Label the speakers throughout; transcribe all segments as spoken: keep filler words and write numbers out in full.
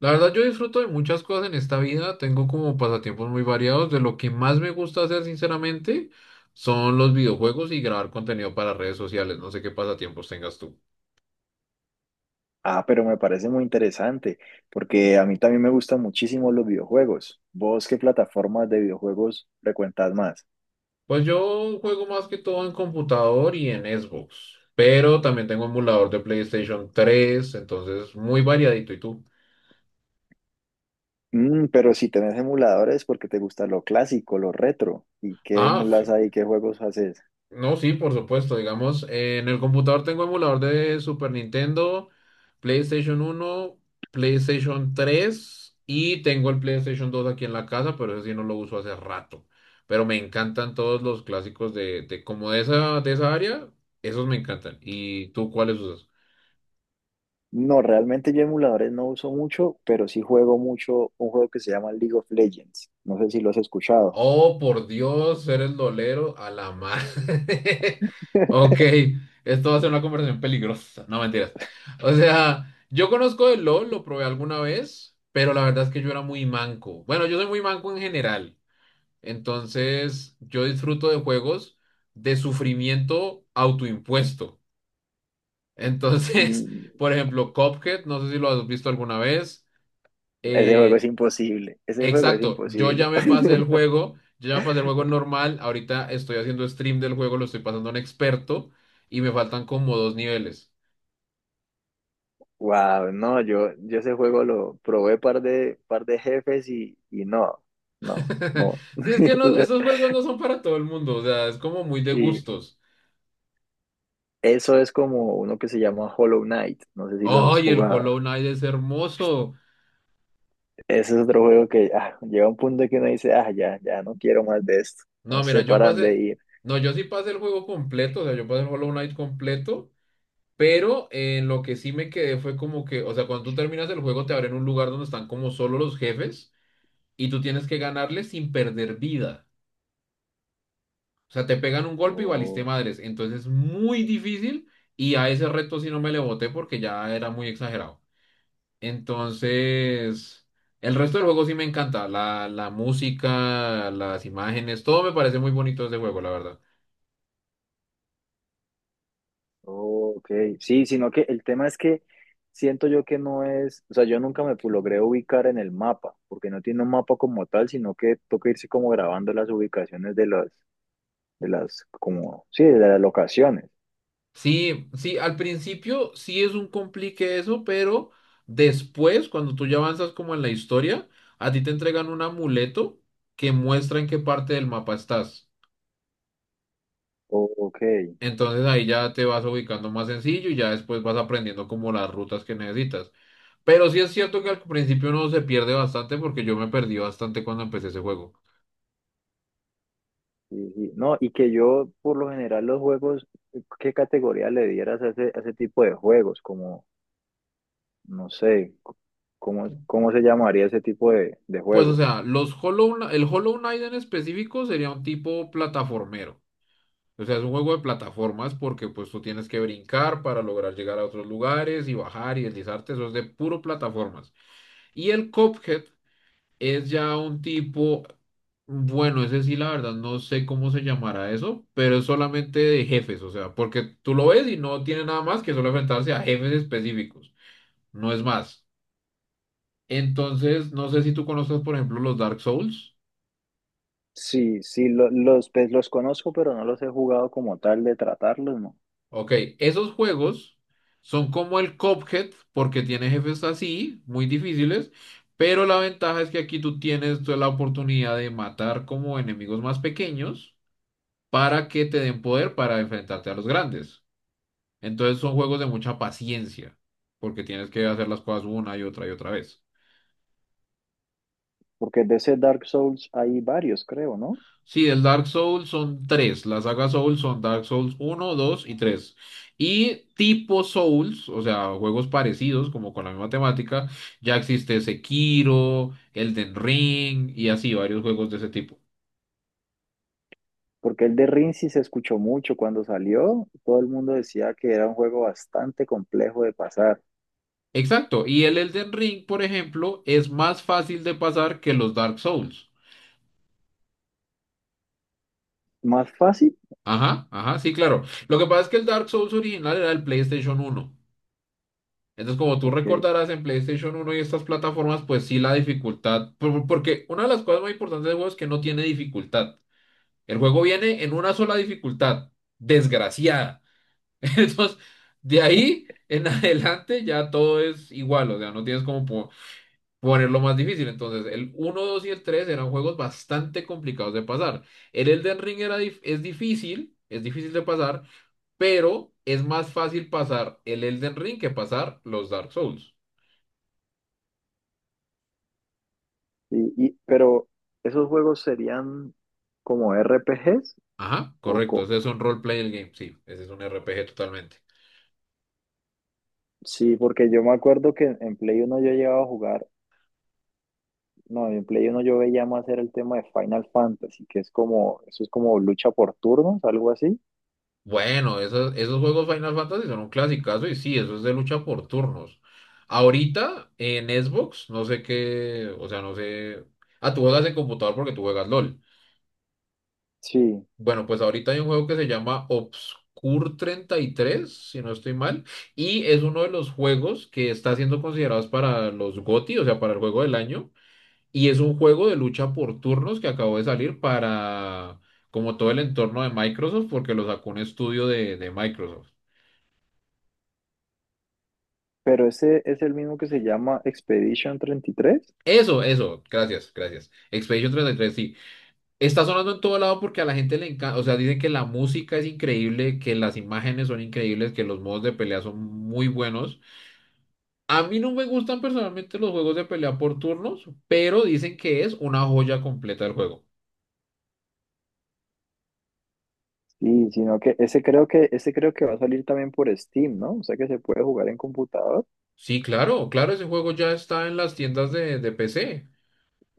Speaker 1: La verdad, yo disfruto de muchas cosas en esta vida, tengo como pasatiempos muy variados, de lo que más me gusta hacer sinceramente son los videojuegos y grabar contenido para redes sociales, no sé qué pasatiempos tengas tú.
Speaker 2: Ah, pero me parece muy interesante, porque a mí también me gustan muchísimo los videojuegos. ¿Vos qué plataformas de videojuegos frecuentas más?
Speaker 1: Pues yo juego más que todo en computador y en Xbox, pero también tengo emulador de PlayStation tres, entonces muy variadito. ¿Y tú?
Speaker 2: Mm, pero si tenés emuladores, porque te gusta lo clásico, lo retro. ¿Y qué
Speaker 1: Ah,
Speaker 2: emulas
Speaker 1: sí,
Speaker 2: ahí? ¿Qué juegos haces?
Speaker 1: no, sí, por supuesto, digamos, eh, en el computador tengo emulador de Super Nintendo, PlayStation uno, PlayStation tres y tengo el PlayStation dos aquí en la casa, pero ese sí no lo uso hace rato. Pero me encantan todos los clásicos de, de como de esa, de esa área, esos me encantan. ¿Y tú cuáles usas?
Speaker 2: No, realmente yo emuladores no uso mucho, pero sí juego mucho un juego que se llama League of Legends. No sé si lo has escuchado.
Speaker 1: Oh, por Dios, eres dolero a la madre. Ok, esto va a ser una conversación peligrosa. No, mentiras. O sea, yo conozco el LOL, lo probé alguna vez, pero la verdad es que yo era muy manco. Bueno, yo soy muy manco en general. Entonces, yo disfruto de juegos de sufrimiento autoimpuesto. Entonces,
Speaker 2: Mm.
Speaker 1: por ejemplo, Cuphead, no sé si lo has visto alguna vez.
Speaker 2: Ese juego es
Speaker 1: Eh,
Speaker 2: imposible. Ese juego es
Speaker 1: Exacto, yo ya
Speaker 2: imposible.
Speaker 1: me pasé el juego, yo ya me pasé el juego normal, ahorita estoy haciendo stream del juego, lo estoy pasando a un experto y me faltan como dos niveles.
Speaker 2: Wow, no, yo, yo ese juego lo probé par de, par de jefes y, y no, no, no.
Speaker 1: Si es que no, esos juegos no son para todo el mundo, o sea, es como muy de
Speaker 2: Sí.
Speaker 1: gustos.
Speaker 2: Eso es como uno que se llama Hollow Knight, no sé si lo has
Speaker 1: ¡Ay, el
Speaker 2: jugado.
Speaker 1: Hollow Knight es hermoso!
Speaker 2: Ese es otro juego que ah, llega un punto que uno dice, ah, ya, ya no quiero más de esto, no
Speaker 1: No, mira,
Speaker 2: sé
Speaker 1: yo
Speaker 2: para dónde
Speaker 1: pasé,
Speaker 2: ir.
Speaker 1: no, yo sí pasé el juego completo, o sea, yo pasé el Hollow Knight completo, pero en lo que sí me quedé fue como que, o sea, cuando tú terminas el juego te abren un lugar donde están como solo los jefes y tú tienes que ganarles sin perder vida. O sea, te pegan un golpe y valiste
Speaker 2: Oh,
Speaker 1: madres. Entonces es muy difícil y a ese reto sí no me le boté porque ya era muy exagerado. Entonces, el resto del juego sí me encanta. La, la música, las imágenes, todo me parece muy bonito ese juego, la verdad.
Speaker 2: oh, ok, sí, sino que el tema es que siento yo que no es, o sea, yo nunca me pu- logré ubicar en el mapa, porque no tiene un mapa como tal, sino que toca irse como grabando las ubicaciones de los de las, como, sí, de las locaciones.
Speaker 1: Sí, sí, al principio sí es un complique eso, pero después, cuando tú ya avanzas como en la historia, a ti te entregan un amuleto que muestra en qué parte del mapa estás.
Speaker 2: O- Ok,
Speaker 1: Entonces ahí ya te vas ubicando más sencillo y ya después vas aprendiendo como las rutas que necesitas. Pero sí es cierto que al principio uno se pierde bastante porque yo me perdí bastante cuando empecé ese juego.
Speaker 2: sí, sí. No, y que yo, por lo general, los juegos, eh, ¿qué categoría le dieras a ese, a ese tipo de juegos? Como, no sé, c- ¿cómo, cómo se llamaría ese tipo de, de
Speaker 1: Pues o
Speaker 2: juegos?
Speaker 1: sea, los Hollow, Kn- el Hollow Knight en específico sería un tipo plataformero. O sea, es un juego de plataformas porque pues tú tienes que brincar para lograr llegar a otros lugares y bajar y deslizarte. Eso es de puro plataformas. Y el Cuphead es ya un tipo, bueno, ese sí, la verdad, no sé cómo se llamará eso, pero es solamente de jefes, o sea, porque tú lo ves y no tiene nada más que solo enfrentarse a jefes específicos, no es más. Entonces, no sé si tú conoces, por ejemplo, los Dark Souls.
Speaker 2: Sí, sí, lo- los, pues, los conozco, pero no los he jugado como tal de tratarlos, ¿no?
Speaker 1: Ok, esos juegos son como el Cuphead, porque tiene jefes así, muy difíciles, pero la ventaja es que aquí tú tienes toda la oportunidad de matar como enemigos más pequeños para que te den poder para enfrentarte a los grandes. Entonces son juegos de mucha paciencia, porque tienes que hacer las cosas una y otra y otra vez.
Speaker 2: Porque de ese Dark Souls hay varios, creo, ¿no?
Speaker 1: Sí, el Dark Souls son tres. La saga Souls son Dark Souls uno, dos y tres. Y tipo Souls, o sea, juegos parecidos, como con la misma temática, ya existe Sekiro, Elden Ring y así varios juegos de ese tipo.
Speaker 2: Porque el de Rin sí se escuchó mucho cuando salió, todo el mundo decía que era un juego bastante complejo de pasar.
Speaker 1: Exacto, y el Elden Ring, por ejemplo, es más fácil de pasar que los Dark Souls.
Speaker 2: ¿Más fácil?
Speaker 1: Ajá, ajá, sí, claro. Lo que pasa es que el Dark Souls original era el PlayStation uno. Entonces, como tú
Speaker 2: Ok.
Speaker 1: recordarás en PlayStation uno y estas plataformas, pues sí la dificultad, por- porque una de las cosas más importantes del juego es que no tiene dificultad. El juego viene en una sola dificultad, desgraciada. Entonces, de ahí en adelante ya todo es igual, o sea, no tienes como po- ponerlo más difícil. Entonces, el uno, dos y el tres eran juegos bastante complicados de pasar. El Elden Ring era dif- es difícil, es difícil de pasar, pero es más fácil pasar el Elden Ring que pasar los Dark Souls.
Speaker 2: Y, y- pero, ¿esos juegos serían como R P Gs?
Speaker 1: Ajá,
Speaker 2: O
Speaker 1: correcto,
Speaker 2: co-
Speaker 1: ese es un role playing game, sí, ese es un R P G totalmente.
Speaker 2: Sí, porque yo me acuerdo que en Play uno yo llegaba a jugar, no, en Play uno yo veía más era el tema de Final Fantasy, que es como, eso es como lucha por turnos, algo así.
Speaker 1: Bueno, esos, esos juegos Final Fantasy son un clasicazo y sí, eso es de lucha por turnos. Ahorita en Xbox, no sé qué, o sea, no sé. Ah, tú juegas en computador porque tú juegas LOL.
Speaker 2: Sí.
Speaker 1: Bueno, pues ahorita hay un juego que se llama Obscure treinta y tres, si no estoy mal, y es uno de los juegos que está siendo considerados para los GOTY, o sea, para el juego del año. Y es un juego de lucha por turnos que acabó de salir para como todo el entorno de Microsoft, porque lo sacó un estudio de, de Microsoft.
Speaker 2: Pero ese es el mismo que se llama Expedition treinta y tres.
Speaker 1: Eso, eso, gracias, gracias. Expedition treinta y tres sí. Está sonando en todo lado porque a la gente le encanta, o sea, dicen que la música es increíble, que las imágenes son increíbles, que los modos de pelea son muy buenos. A mí no me gustan personalmente los juegos de pelea por turnos, pero dicen que es una joya completa del juego.
Speaker 2: Sí, sino que ese creo que ese creo que va a salir también por Steam, ¿no? O sea que se puede jugar en computador
Speaker 1: Sí, claro, claro, ese juego ya está en las tiendas de, de P C.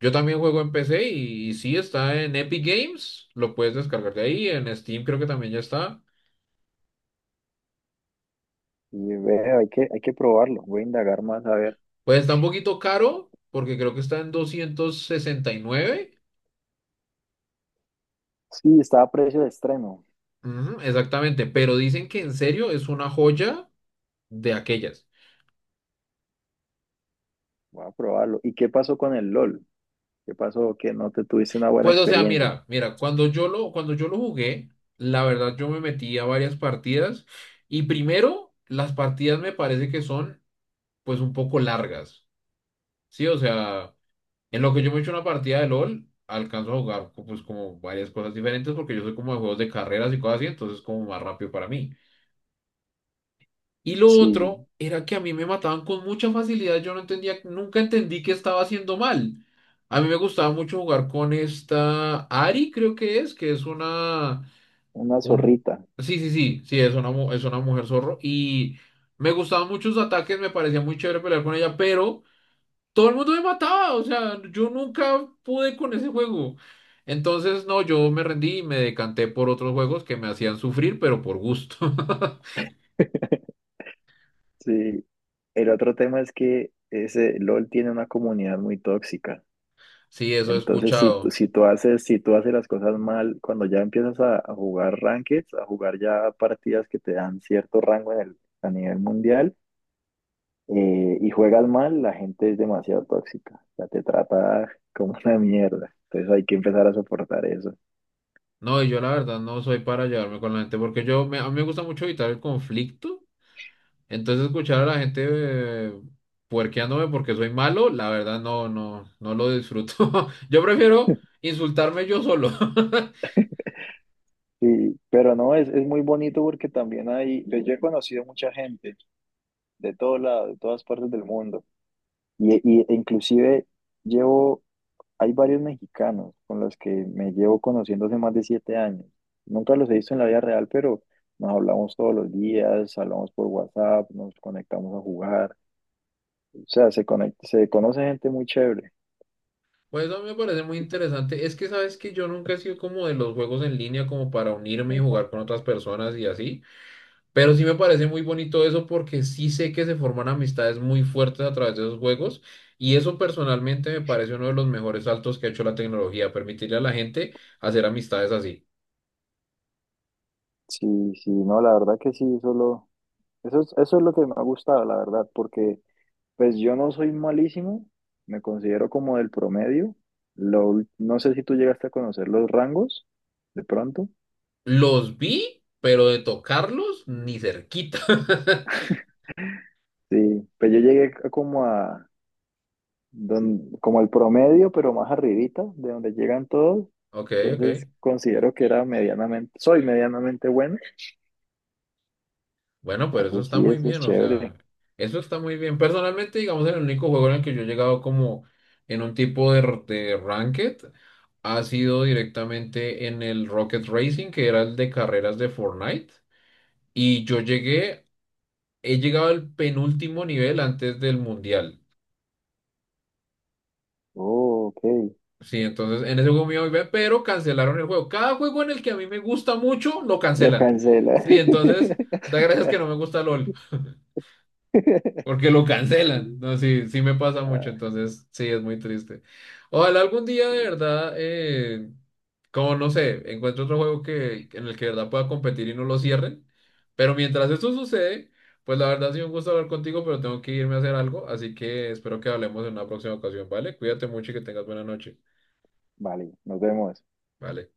Speaker 1: Yo también juego en P C y, y sí está en Epic Games, lo puedes descargar de ahí, en Steam creo que también ya está.
Speaker 2: y ve, hay que hay que probarlo, voy a indagar más a ver.
Speaker 1: Pues está un poquito caro porque creo que está en doscientos sesenta y nueve.
Speaker 2: Sí, está a precio de estreno.
Speaker 1: Ujú, exactamente, pero dicen que en serio es una joya de aquellas.
Speaker 2: Voy a probarlo. ¿Y qué pasó con el LOL? ¿Qué pasó que no te tuviste una buena
Speaker 1: Pues o sea,
Speaker 2: experiencia?
Speaker 1: mira, mira, cuando yo lo, cuando yo lo jugué, la verdad yo me metí a varias partidas y primero las partidas me parece que son pues un poco largas, ¿sí? O sea... En lo que yo me echo una partida de LOL, alcanzo a jugar co- pues como varias cosas diferentes porque yo soy como de juegos de carreras y cosas así, entonces es como más rápido para mí. Y lo
Speaker 2: Sí,
Speaker 1: otro era que a mí me mataban con mucha facilidad, yo no entendía, nunca entendí qué estaba haciendo mal. A mí me gustaba mucho jugar con esta Ari, creo que es, que es una,
Speaker 2: una
Speaker 1: un,
Speaker 2: zorrita.
Speaker 1: sí, sí, sí, sí, es una, mu- es una mujer zorro y me gustaban muchos ataques, me parecía muy chévere pelear con ella, pero todo el mundo me mataba, o sea, yo nunca pude con ese juego. Entonces, no, yo me rendí y me decanté por otros juegos que me hacían sufrir, pero por gusto.
Speaker 2: Sí. El otro tema es que ese LOL tiene una comunidad muy tóxica.
Speaker 1: Sí, eso he
Speaker 2: Entonces, si, tú-
Speaker 1: escuchado.
Speaker 2: si tú haces, si tú haces las cosas mal, cuando ya empiezas a, a jugar rankings, a jugar ya partidas que te dan cierto rango en el, a nivel mundial, eh, y juegas mal, la gente es demasiado tóxica. Ya te trata como una mierda. Entonces hay que empezar a soportar eso.
Speaker 1: No, y yo la verdad no soy para llevarme con la gente, porque yo me, a mí me gusta mucho evitar el conflicto. Entonces, escuchar a la gente eh, puerqueándome porque soy malo, la verdad no, no, no lo disfruto. Yo prefiero insultarme yo solo.
Speaker 2: Sí, pero no, es, es muy bonito porque también hay, pues yo he conocido mucha gente de todo lado, de todas partes del mundo. Y, y e inclusive llevo. Hay varios mexicanos con los que me llevo conociendo hace más de siete años. Nunca los he visto en la vida real, pero nos hablamos todos los días, hablamos por WhatsApp, nos conectamos a jugar. O sea, se conec- se conoce gente muy chévere.
Speaker 1: Pues eso a mí me parece muy interesante. Es que sabes que yo nunca he sido como de los juegos en línea, como para unirme y jugar con otras personas y así. Pero sí me parece muy bonito eso porque sí sé que se forman amistades muy fuertes a través de esos juegos. Y eso personalmente me parece uno de los mejores saltos que ha hecho la tecnología, permitirle a la gente hacer amistades así.
Speaker 2: Sí, sí, no, la verdad que sí, solo, eso es, eso es lo que me ha gustado, la verdad, porque pues yo no soy malísimo, me considero como del promedio. Lo, ul- no sé si tú llegaste a conocer los rangos, de pronto.
Speaker 1: Los vi, pero de tocarlos ni cerquita.
Speaker 2: Sí, pues yo llegué a como a, don- como el promedio, pero más arribita, de donde llegan todos.
Speaker 1: Ok, ok.
Speaker 2: Entonces considero que era medianamente, soy medianamente bueno.
Speaker 1: Bueno, pero eso
Speaker 2: Entonces
Speaker 1: está
Speaker 2: sí,
Speaker 1: muy
Speaker 2: eso es
Speaker 1: bien, o
Speaker 2: chévere.
Speaker 1: sea, eso está muy bien. Personalmente, digamos, el único juego en el que yo he llegado como en un tipo de, r- de ranked ha sido directamente en el Rocket Racing, que era el de carreras de Fortnite. Y yo llegué, he llegado al penúltimo nivel antes del mundial.
Speaker 2: Oh, ok.
Speaker 1: Sí, entonces en ese juego me iba muy bien, pero cancelaron el juego. Cada juego en el que a mí me gusta mucho, lo
Speaker 2: Lo
Speaker 1: cancelan.
Speaker 2: cancela.
Speaker 1: Sí, entonces, da gracias que no me gusta LOL. Porque lo cancelan. No, sí, sí me pasa mucho,
Speaker 2: Ah.
Speaker 1: entonces sí, es muy triste. Ojalá algún día de verdad, eh, como no sé, encuentre otro juego que, en el que de verdad pueda competir y no lo cierren. Pero mientras eso sucede, pues la verdad ha sido un gusto hablar contigo, pero tengo que irme a hacer algo, así que espero que hablemos en una próxima ocasión, ¿vale? Cuídate mucho y que tengas buena noche.
Speaker 2: Vale, nos vemos.
Speaker 1: Vale.